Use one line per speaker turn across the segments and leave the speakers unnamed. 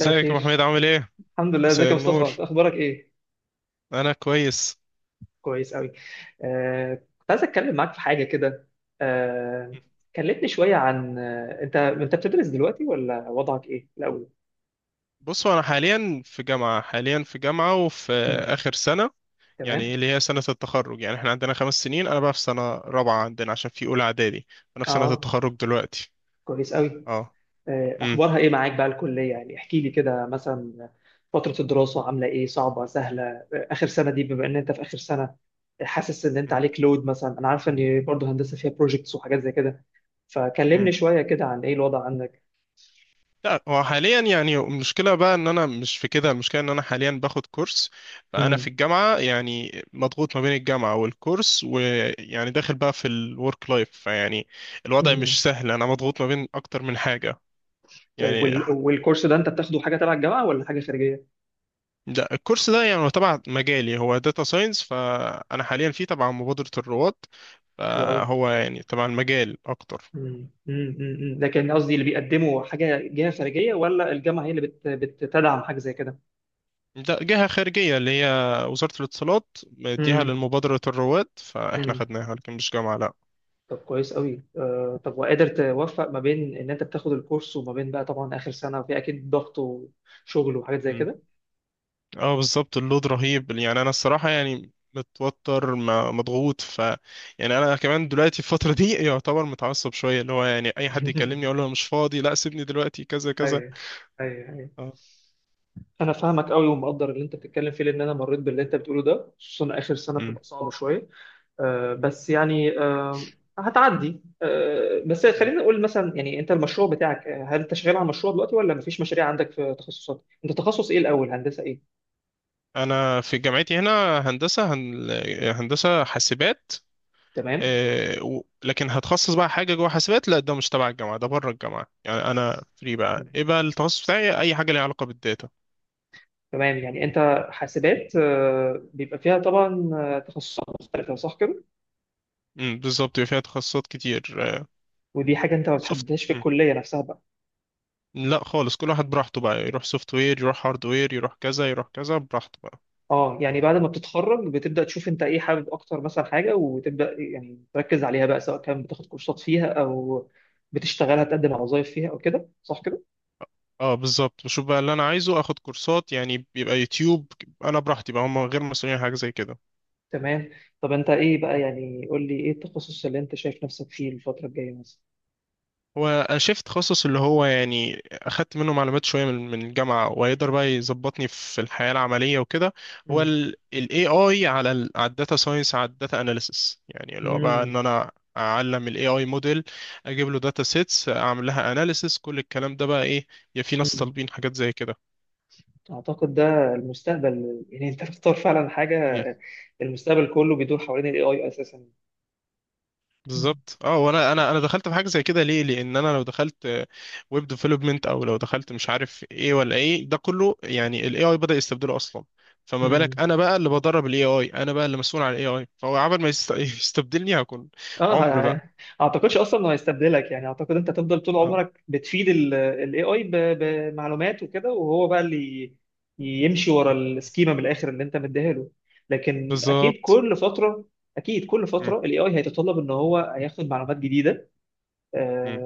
مساء
يا ابو حميد،
الخير.
عامل ايه؟
الحمد لله، ازيك
مساء
يا مصطفى؟
النور.
انت اخبارك ايه؟
انا كويس.
كويس قوي. آه كنت عايز اتكلم معاك في حاجه كده. آه كلمني شويه عن انت بتدرس دلوقتي ولا وضعك ايه الاول؟
بصوا، انا حاليا في جامعه وفي
مم.
اخر سنه، يعني
تمام.
اللي هي سنه التخرج. يعني احنا عندنا 5 سنين، انا بقى في سنه رابعه عندنا عشان في اولى اعدادي. انا في سنه
اه،
التخرج دلوقتي.
كويس قوي.
اه.
اخبارها ايه معاك بقى الكليه؟ يعني احكي لي كده مثلا، فتره الدراسه عامله ايه، صعبه سهله؟ اخر سنه دي، بما ان انت في اخر سنه، حاسس ان انت عليك لود مثلا؟ انا عارف ان برضه هندسه فيها بروجكتس وحاجات زي كده،
امم
فكلمني شويه كده عن ايه الوضع عندك.
لا، هو حاليا يعني المشكلة بقى ان انا مش في كده. المشكلة ان انا حاليا باخد كورس، فانا في
مم.
الجامعة يعني مضغوط ما بين الجامعة والكورس، ويعني داخل بقى في الورك لايف، فيعني الوضع
مم.
مش سهل. انا مضغوط ما بين اكتر من حاجة.
طيب،
يعني ح-
والكورس ده انت بتاخده حاجه تبع الجامعه ولا حاجه خارجيه؟
ده الكورس ده يعني هو تبع مجالي، هو داتا ساينس. فانا حاليا فيه تبع مبادرة الرواد،
حلو قوي.
فهو يعني تبع المجال اكتر.
مم. مم. مم. لكن قصدي اللي بيقدموا حاجه جهه خارجيه، ولا الجامعه هي اللي بتدعم حاجه زي كده؟
ده جهة خارجية، اللي هي وزارة الاتصالات، مديها
مم.
للمبادرة الرواد، فاحنا
مم.
خدناها، لكن مش جامعة، لا.
طب كويس قوي. طب وقادر توفق ما بين ان انت بتاخد الكورس وما بين بقى طبعا اخر سنه، وفي اكيد ضغط وشغل وحاجات زي
مم.
كده؟
اه، بالظبط، اللود رهيب. يعني انا الصراحه يعني متوتر، مضغوط، يعني انا كمان دلوقتي في الفتره دي يعتبر متعصب شويه، اللي هو يعني اي حد يكلمني اقول له أنا مش فاضي، لا سيبني دلوقتي، كذا كذا.
ايوه. ايوه، ايوه.
اه.
انا فاهمك قوي ومقدر اللي انت بتتكلم فيه، لان انا مريت باللي انت بتقوله ده، خصوصا اخر سنه
مم.
بتبقى صعبه شويه. بس يعني هتعدي. بس
مم.
خلينا نقول مثلا، يعني انت المشروع بتاعك، هل انت شغال على مشروع دلوقتي ولا مفيش مشاريع عندك في تخصصات؟ انت تخصص ايه الاول، هندسة ايه؟
انا في جامعتي هنا هندسه، هندسه حاسبات.
تمام.
لكن هتخصص بقى حاجه جوه حاسبات، لا ده مش تبع الجامعه، ده بره الجامعه، يعني انا فري بقى.
مم.
ايه بقى التخصص بتاعي؟ اي حاجه ليها علاقه بالداتا.
تمام. يعني انت حاسبات، بيبقى فيها طبعا تخصصات مختلفة، صح كده؟
مم، بالظبط، يبقى فيها تخصصات كتير.
ودي حاجة انت ما
سوفت
بتحددهاش في الكلية نفسها بقى؟
لا خالص، كل واحد براحته بقى، يروح سوفت وير، يروح هارد وير، يروح كذا يروح كذا، براحته بقى.
اه، يعني بعد ما بتتخرج بتبدأ تشوف انت ايه حابب اكتر مثلا حاجة، وتبدأ يعني تركز عليها بقى، سواء كان بتاخد كورسات فيها او بتشتغلها، تقدم على وظائف فيها او كده، صح كده؟
اه بالظبط، بشوف بقى اللي انا عايزه اخد كورسات، يعني بيبقى يوتيوب، انا براحتي بقى، هم غير مسؤولين عن حاجه زي كده.
تمام. طب انت ايه بقى، يعني قول لي ايه التخصص اللي انت شايف نفسك فيه الفترة الجاية مثلا؟
هو شيفت تخصص اللي هو يعني اخدت منه معلومات شويه، من الجامعه، وهيقدر بقى يظبطني في الحياه العمليه وكده. هو
مم.
الاي اي على على الداتا ساينس، على الداتا اناليسس، يعني اللي هو بقى ان
مم.
انا اعلم الاي اي موديل، اجيب له داتا سيتس، اعمل لها اناليسس، كل الكلام ده بقى ايه، يا في ناس
مم.
طالبين حاجات زي كده.
اعتقد ده المستقبل، يعني انت بتختار فعلا حاجة
مم.
المستقبل. كله بيدور حوالين الاي اي اساسا. مم.
بالظبط، اه، وانا انا انا دخلت في حاجه زي كده ليه؟ لان انا لو دخلت ويب ديفلوبمنت، او لو دخلت مش عارف ايه ولا ايه، ده كله يعني الاي اي بدا يستبدله اصلا. فما بالك
مم.
انا بقى اللي بدرب الاي اي، انا بقى اللي مسؤول عن الاي اي، فهو عمل ما يستبدلني، هكون
اه،
عمر بقى.
يعني اعتقدش اصلا انه هيستبدلك، يعني اعتقد انت هتفضل طول
اه
عمرك بتفيد الاي اي بمعلومات وكده، وهو بقى اللي يمشي ورا السكيما من الاخر اللي انت مديها له. لكن
بالظبط.
اكيد كل
مم.
فتره الاي اي هيتطلب ان هو هياخد معلومات جديده.
مم.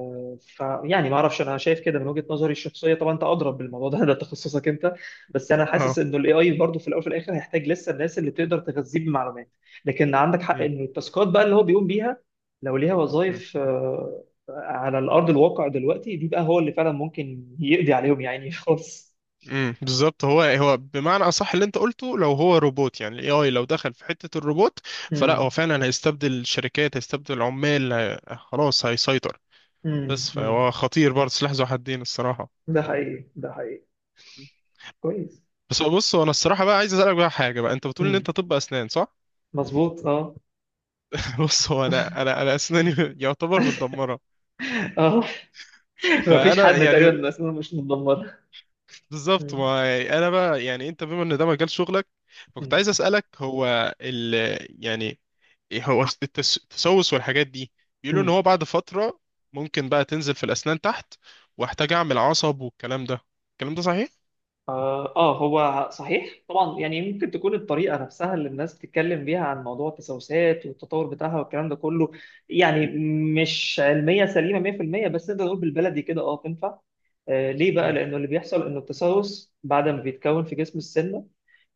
فيعني ما اعرفش، انا شايف كده من وجهة نظري الشخصيه طبعا، انت اضرب بالموضوع ده ده تخصصك انت. بس انا حاسس
اه.
انه الاي اي برضه في الاول وفي الاخر هيحتاج لسه الناس اللي تقدر تغذيه بمعلومات. لكن عندك حق ان التاسكات بقى اللي هو بيقوم بيها، لو ليها
مم.
وظائف على الارض الواقع دلوقتي دي، بقى هو اللي فعلا ممكن يقضي عليهم يعني خالص.
امم، بالظبط، هو بمعنى اصح اللي انت قلته، لو هو روبوت، يعني الاي اي لو دخل في حته الروبوت، فلا
امم.
هو فعلا هيستبدل الشركات، هيستبدل العمال، خلاص هيسيطر.
امم.
بس
أمم.
فهو خطير برضه، سلاح ذو حدين، الصراحه.
ده حقيقي، ده حقيقي. كويس.
بس هو، بص، هو انا الصراحه بقى عايز اسالك بقى حاجه بقى، انت بتقول ان
امم.
انت طب اسنان، صح؟
مظبوط، اه.
بص، هو انا اسناني يعتبر متدمره.
اه. مفيش
فانا
حد تقريبا،
يعني
الناس مش متدمره.
بالظبط،
أمم.
ما يعني انا بقى يعني انت بما ان ده مجال شغلك، فكنت
أمم.
عايز اسالك، هو ال يعني إيه هو التسوس والحاجات دي. بيقولوا ان
أمم.
هو بعد فتره ممكن بقى تنزل في الاسنان تحت، واحتاج اعمل عصب والكلام ده. الكلام ده صحيح؟
آه، آه، هو صحيح طبعا. يعني ممكن تكون الطريقة نفسها اللي الناس بتتكلم بيها عن موضوع التسوسات والتطور بتاعها والكلام ده كله، يعني مش علمية سليمة 100%، بس نقدر نقول بالبلدي كده تنفع. ليه بقى؟
امم.
لانه اللي بيحصل انه التسوس بعد ما بيتكون في جسم السنه،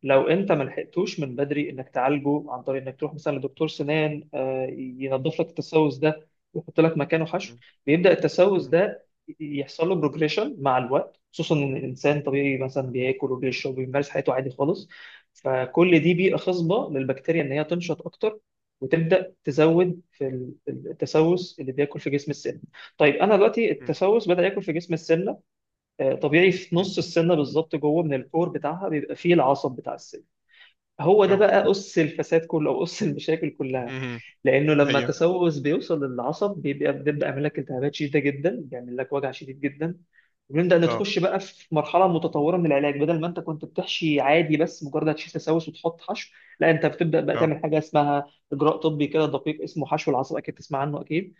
لو انت ما لحقتوش من بدري انك تعالجه عن طريق انك تروح مثلا لدكتور سنان ينظف لك التسوس ده ويحط لك مكانه حشو،
امم.
بيبدا التسوس ده يحصل له بروجريشن مع الوقت، خصوصا ان الانسان طبيعي مثلا بياكل وبيشرب وبيمارس حياته عادي خالص، فكل
امم.
دي بيئه خصبه للبكتيريا ان هي تنشط اكتر وتبدا تزود في التسوس اللي بياكل في جسم السن. طيب، انا دلوقتي
امم.
التسوس بدا ياكل في جسم السن، طبيعي في
امم. امم.
نص السنه بالظبط، جوه من الكور بتاعها بيبقى فيه العصب بتاع السن. هو ده
اه.
بقى قص الفساد كله او قص المشاكل كلها،
امم.
لانه لما
هي.
التسوس بيوصل للعصب بيبقى بنبدا يعمل لك التهابات شديده جدا، بيعمل لك وجع شديد جدا، ونبدا
اه.
نتخش بقى في مرحله متطوره من العلاج. بدل ما انت كنت بتحشي عادي بس مجرد هتشيل تسوس وتحط حشو، لا انت بتبدا بقى
اه.
تعمل حاجه اسمها اجراء طبي كده دقيق، اسمه حشو العصب، اكيد تسمع عنه اكيد.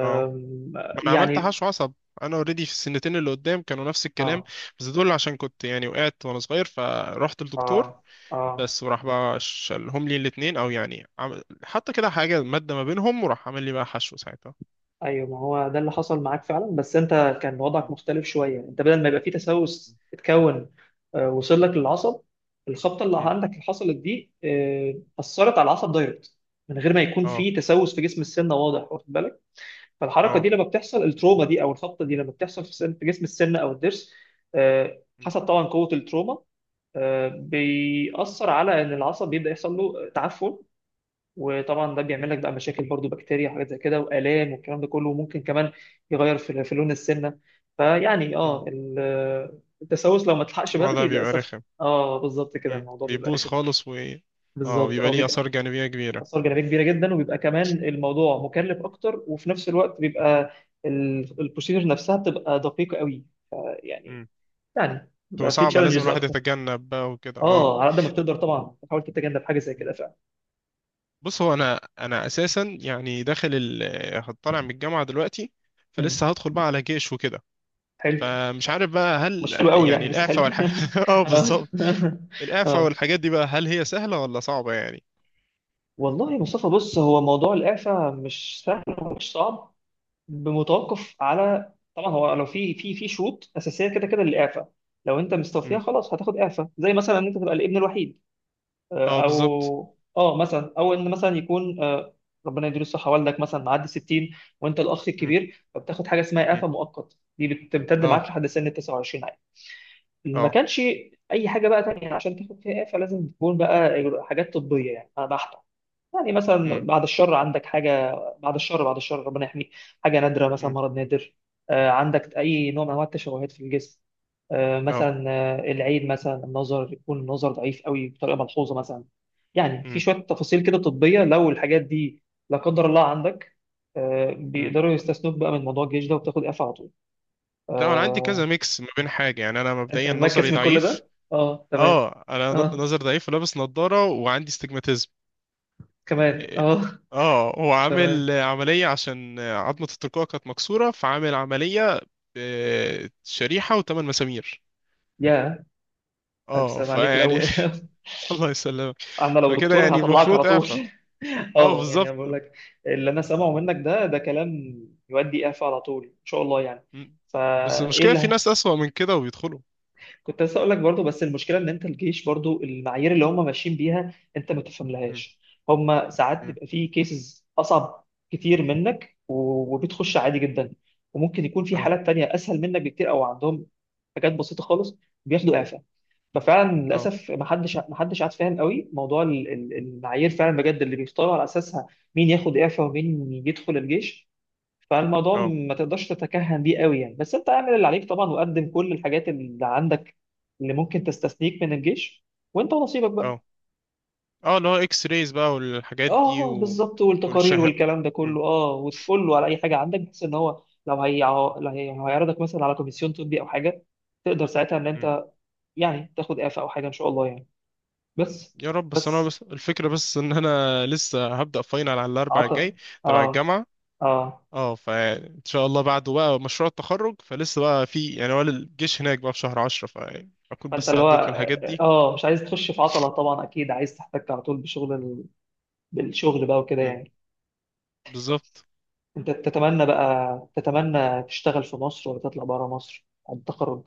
اه. ما انا عملت
يعني
حشو عصب. انا اوريدي في السنتين اللي قدام كانوا نفس الكلام،
اه.
بس دول عشان كنت يعني وقعت وانا صغير، فرحت للدكتور،
اه. اه.
بس وراح بقى شالهم لي الاتنين، او يعني عمل حط كده حاجة مادة ما بينهم، وراح عامل لي بقى حشو ساعتها.
ايوه، ما هو ده اللي حصل معاك فعلا، بس انت كان وضعك
مم.
مختلف شويه. انت بدل ما يبقى فيه تسوس اتكون وصل لك للعصب. الخبطه اللي
مم.
عندك اللي حصلت دي اثرت على العصب دايركت من غير ما يكون
اه.
فيه تسوس في جسم السنه، واضح؟ واخد بالك؟ فالحركه دي
اه.
لما بتحصل، التروما دي او الخبطه دي لما بتحصل في في جسم السنه او الضرس،
مم.
حسب طبعا قوه التروما، بيأثر على ان العصب بيبدا يحصل له تعفن. وطبعا ده
مم.
بيعمل لك بقى مشاكل برضو، بكتيريا وحاجات زي كده والام والكلام ده كله، وممكن كمان يغير في لون السنه. فيعني اه،
مم.
التسوس لو ما تلحقش
الموضوع
بدري
بيبقى
للاسف،
رخم.
اه بالظبط كده،
مم.
الموضوع بيبقى
بيبوظ
رخم قوي.
خالص و اه،
بالظبط
بيبقى
اه،
ليه
بيبقى
آثار جانبية كبيرة.
اثار جانبيه كبيره جدا، وبيبقى كمان الموضوع مكلف اكتر، وفي نفس الوقت بيبقى البروسيجر نفسها بتبقى دقيقه قوي. يعني
مم.
يعني
بتبقى
بيبقى في
صعبة، لازم
تشالنجز
الواحد
اكتر.
يتجنب بقى وكده، اه.
اه، على قد ما
طب،
بتقدر طبعا تحاول تتجنب حاجه زي كده فعلا.
بص، هو انا اساسا يعني داخل. هطلع من الجامعة دلوقتي،
مم.
فلسه هدخل بقى على جيش وكده.
حلو.
فمش عارف بقى،
مش
هل
حلو قوي
يعني
يعني، بس حلو.
الإعفاء والحاجات اه
اه.
بالظبط، الإعفاء
اه.
والحاجات دي بقى، هل هي سهلة ولا صعبة يعني؟
والله يا مصطفى، بص، هو موضوع الإعفاء مش سهل ومش صعب، بمتوقف على طبعا، هو لو في شروط أساسية كده كده للإعفاء، لو أنت مستوفيها
امم.
خلاص هتاخد إعفاء، زي مثلا إن أنت تبقى الابن الوحيد،
اه بالظبط.
أو مثلا، أو إن مثلا يكون ربنا يديله الصحة والدك مثلا معدي 60 وأنت الأخ
امم.
الكبير، فبتاخد حاجة اسمها
امم.
إعفاء مؤقت، دي بتمتد معاك
اه.
لحد سن 29. ما
اه.
كانش اي حاجه بقى تانية عشان تاخد فيها اعفاء، لازم تكون بقى حاجات طبيه يعني بحته، يعني مثلا
امم.
بعد الشر عندك حاجه، بعد الشر، بعد الشر ربنا يحميك، حاجه نادره، مثلا
امم.
مرض نادر، عندك اي نوع من انواع التشوهات في الجسم،
اه.
مثلا العين مثلا النظر، يكون النظر ضعيف قوي بطريقه ملحوظه مثلا. يعني في
امم.
شويه تفاصيل كده طبيه، لو الحاجات دي لا قدر الله عندك،
امم.
بيقدروا يستثنوك بقى من موضوع الجيش ده وبتاخد إيه اعفاء على طول.
لا انا عندي كذا
آه،
ميكس ما بين حاجة، يعني انا
انت
مبدئيا نظري
مركز من كل
ضعيف.
ده؟ اه تمام.
اه، انا
اه
نظري ضعيف ولابس نظارة، وعندي استجماتيزم.
كمان
اه.
اه.
هو
تمام.
عامل عملية عشان عظمة الترقوة كانت مكسورة، فعامل عملية شريحة و8 مسامير.
يا الف
اه
سلام عليك
فيعني
الاول.
الله يسلمك.
انا لو
فكده
دكتور
يعني
هطلعك على
المفروض
طول.
اعفاء. اه
اه، يعني
بالظبط.
انا بقول لك، اللي انا سامعه منك ده كلام يودي اعفاء على طول ان شاء الله يعني.
مم. بس
فايه
المشكلة
اللي
في
هي-
ناس أسوأ من كده وبيدخلوا.
كنت لسه اقول لك برضو، بس المشكله ان انت الجيش برضو المعايير اللي هم ماشيين بيها انت ما
مم.
تفهملهاش. هم ساعات
مم.
بيبقى فيه كيسز اصعب كتير منك، وبتخش عادي جدا، وممكن يكون في
اه.
حالات تانية اسهل منك بكتير، او عندهم حاجات بسيطه خالص بياخدوا اعفاء. ففعلا
اه.
للاسف ما حدش قاعد فاهم قوي موضوع المعايير فعلا بجد اللي بيختاروا على اساسها مين ياخد اعفاء ومين يدخل الجيش. فالموضوع
اه.
ما تقدرش تتكهن بيه قوي يعني، بس انت اعمل اللي عليك طبعا، وقدم كل الحاجات اللي عندك اللي ممكن تستثنيك من الجيش، وانت ونصيبك بقى.
اه. اه. اللي هو اكس رايز بقى والحاجات دي
اه
و...
بالظبط، والتقارير
والشه
والكلام ده
مم.
كله، اه، وتقول له على اي حاجه عندك، بحيث ان هو لو هيعرضك مثلا على كوميسيون طبي او حاجه، تقدر ساعتها ان
مم.
انت يعني تاخد اعفاء او حاجه ان شاء الله يعني. بس.
يا رب. بس انا،
بس.
بس الفكرة، بس ان انا لسه هبدأ فاينل على الاربع الجاي
عطل.
تبع
اه.
الجامعة.
اه.
اه، فان شاء الله بعده بقى مشروع التخرج، فلسه بقى في يعني، هو الجيش هناك بقى في شهر 10، فاكون
فانت
بس
اللي هو
عديت من الحاجات دي.
اه مش عايز تخش في عطلة طبعا، اكيد عايز تحتك على طول بشغل بالشغل بقى وكده
مم.
يعني.
بالظبط.
انت تتمنى بقى، تشتغل في مصر ولا تطلع بره مصر بعد التخرج؟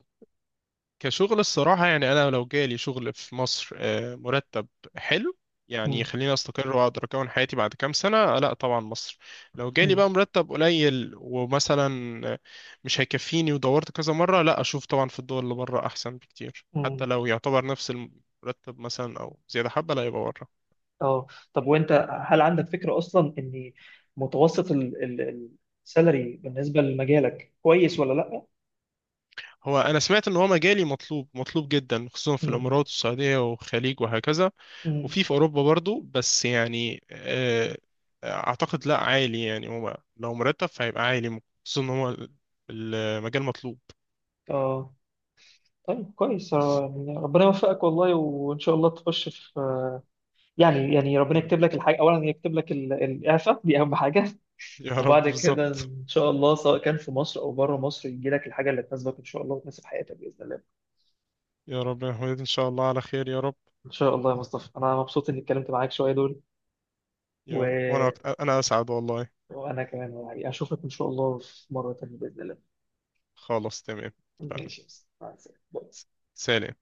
كشغل الصراحة، يعني أنا لو جالي شغل في مصر مرتب حلو، يعني
مم.
يخليني أستقر وأقدر أكون حياتي بعد كام سنة، لا طبعا مصر. لو جالي
مم.
بقى مرتب قليل ومثلا مش هيكفيني، ودورت كذا مرة، لا أشوف طبعا في الدول اللي بره أحسن بكتير، حتى
مم.
لو يعتبر نفس المرتب مثلا أو زيادة حبة، لا يبقى بره.
اه. طب وانت، هل عندك فكرة اصلا ان متوسط السالري بالنسبة لمجالك كويس ولا لا؟
هو أنا سمعت إن هو مجالي مطلوب، مطلوب جدا، خصوصا في
مم.
الإمارات والسعودية والخليج وهكذا،
مم.
وفي في اوروبا برضو، بس يعني اعتقد لا عالي. يعني هو لو مرتب فهيبقى عالي، خصوصا ان هو المجال مطلوب.
اه. طيب كويس،
بس.
يعني ربنا يوفقك والله، وان شاء الله تخش في، يعني ربنا
مم.
يكتب لك الحاجة، أولا يكتب لك الإعفاء دي أهم حاجة.
يا رب
وبعد كده
بالظبط.
إن شاء الله، سواء كان في مصر أو بره مصر، يجي لك الحاجة اللي تناسبك إن شاء الله، وتناسب حياتك بإذن الله.
يا رب يا محمد، ان شاء الله على خير، يا رب.
إن شاء الله يا مصطفى، أنا مبسوط إني اتكلمت معاك شوية دول. و...
يا رب. وانا انا اسعد والله.
وأنا كمان يعني أشوفك إن شاء الله في مرة تانية بإذن الله.
خلاص تمام. اتفقنا.
ماشي يا مصطفى، مع السلامة.
سلام.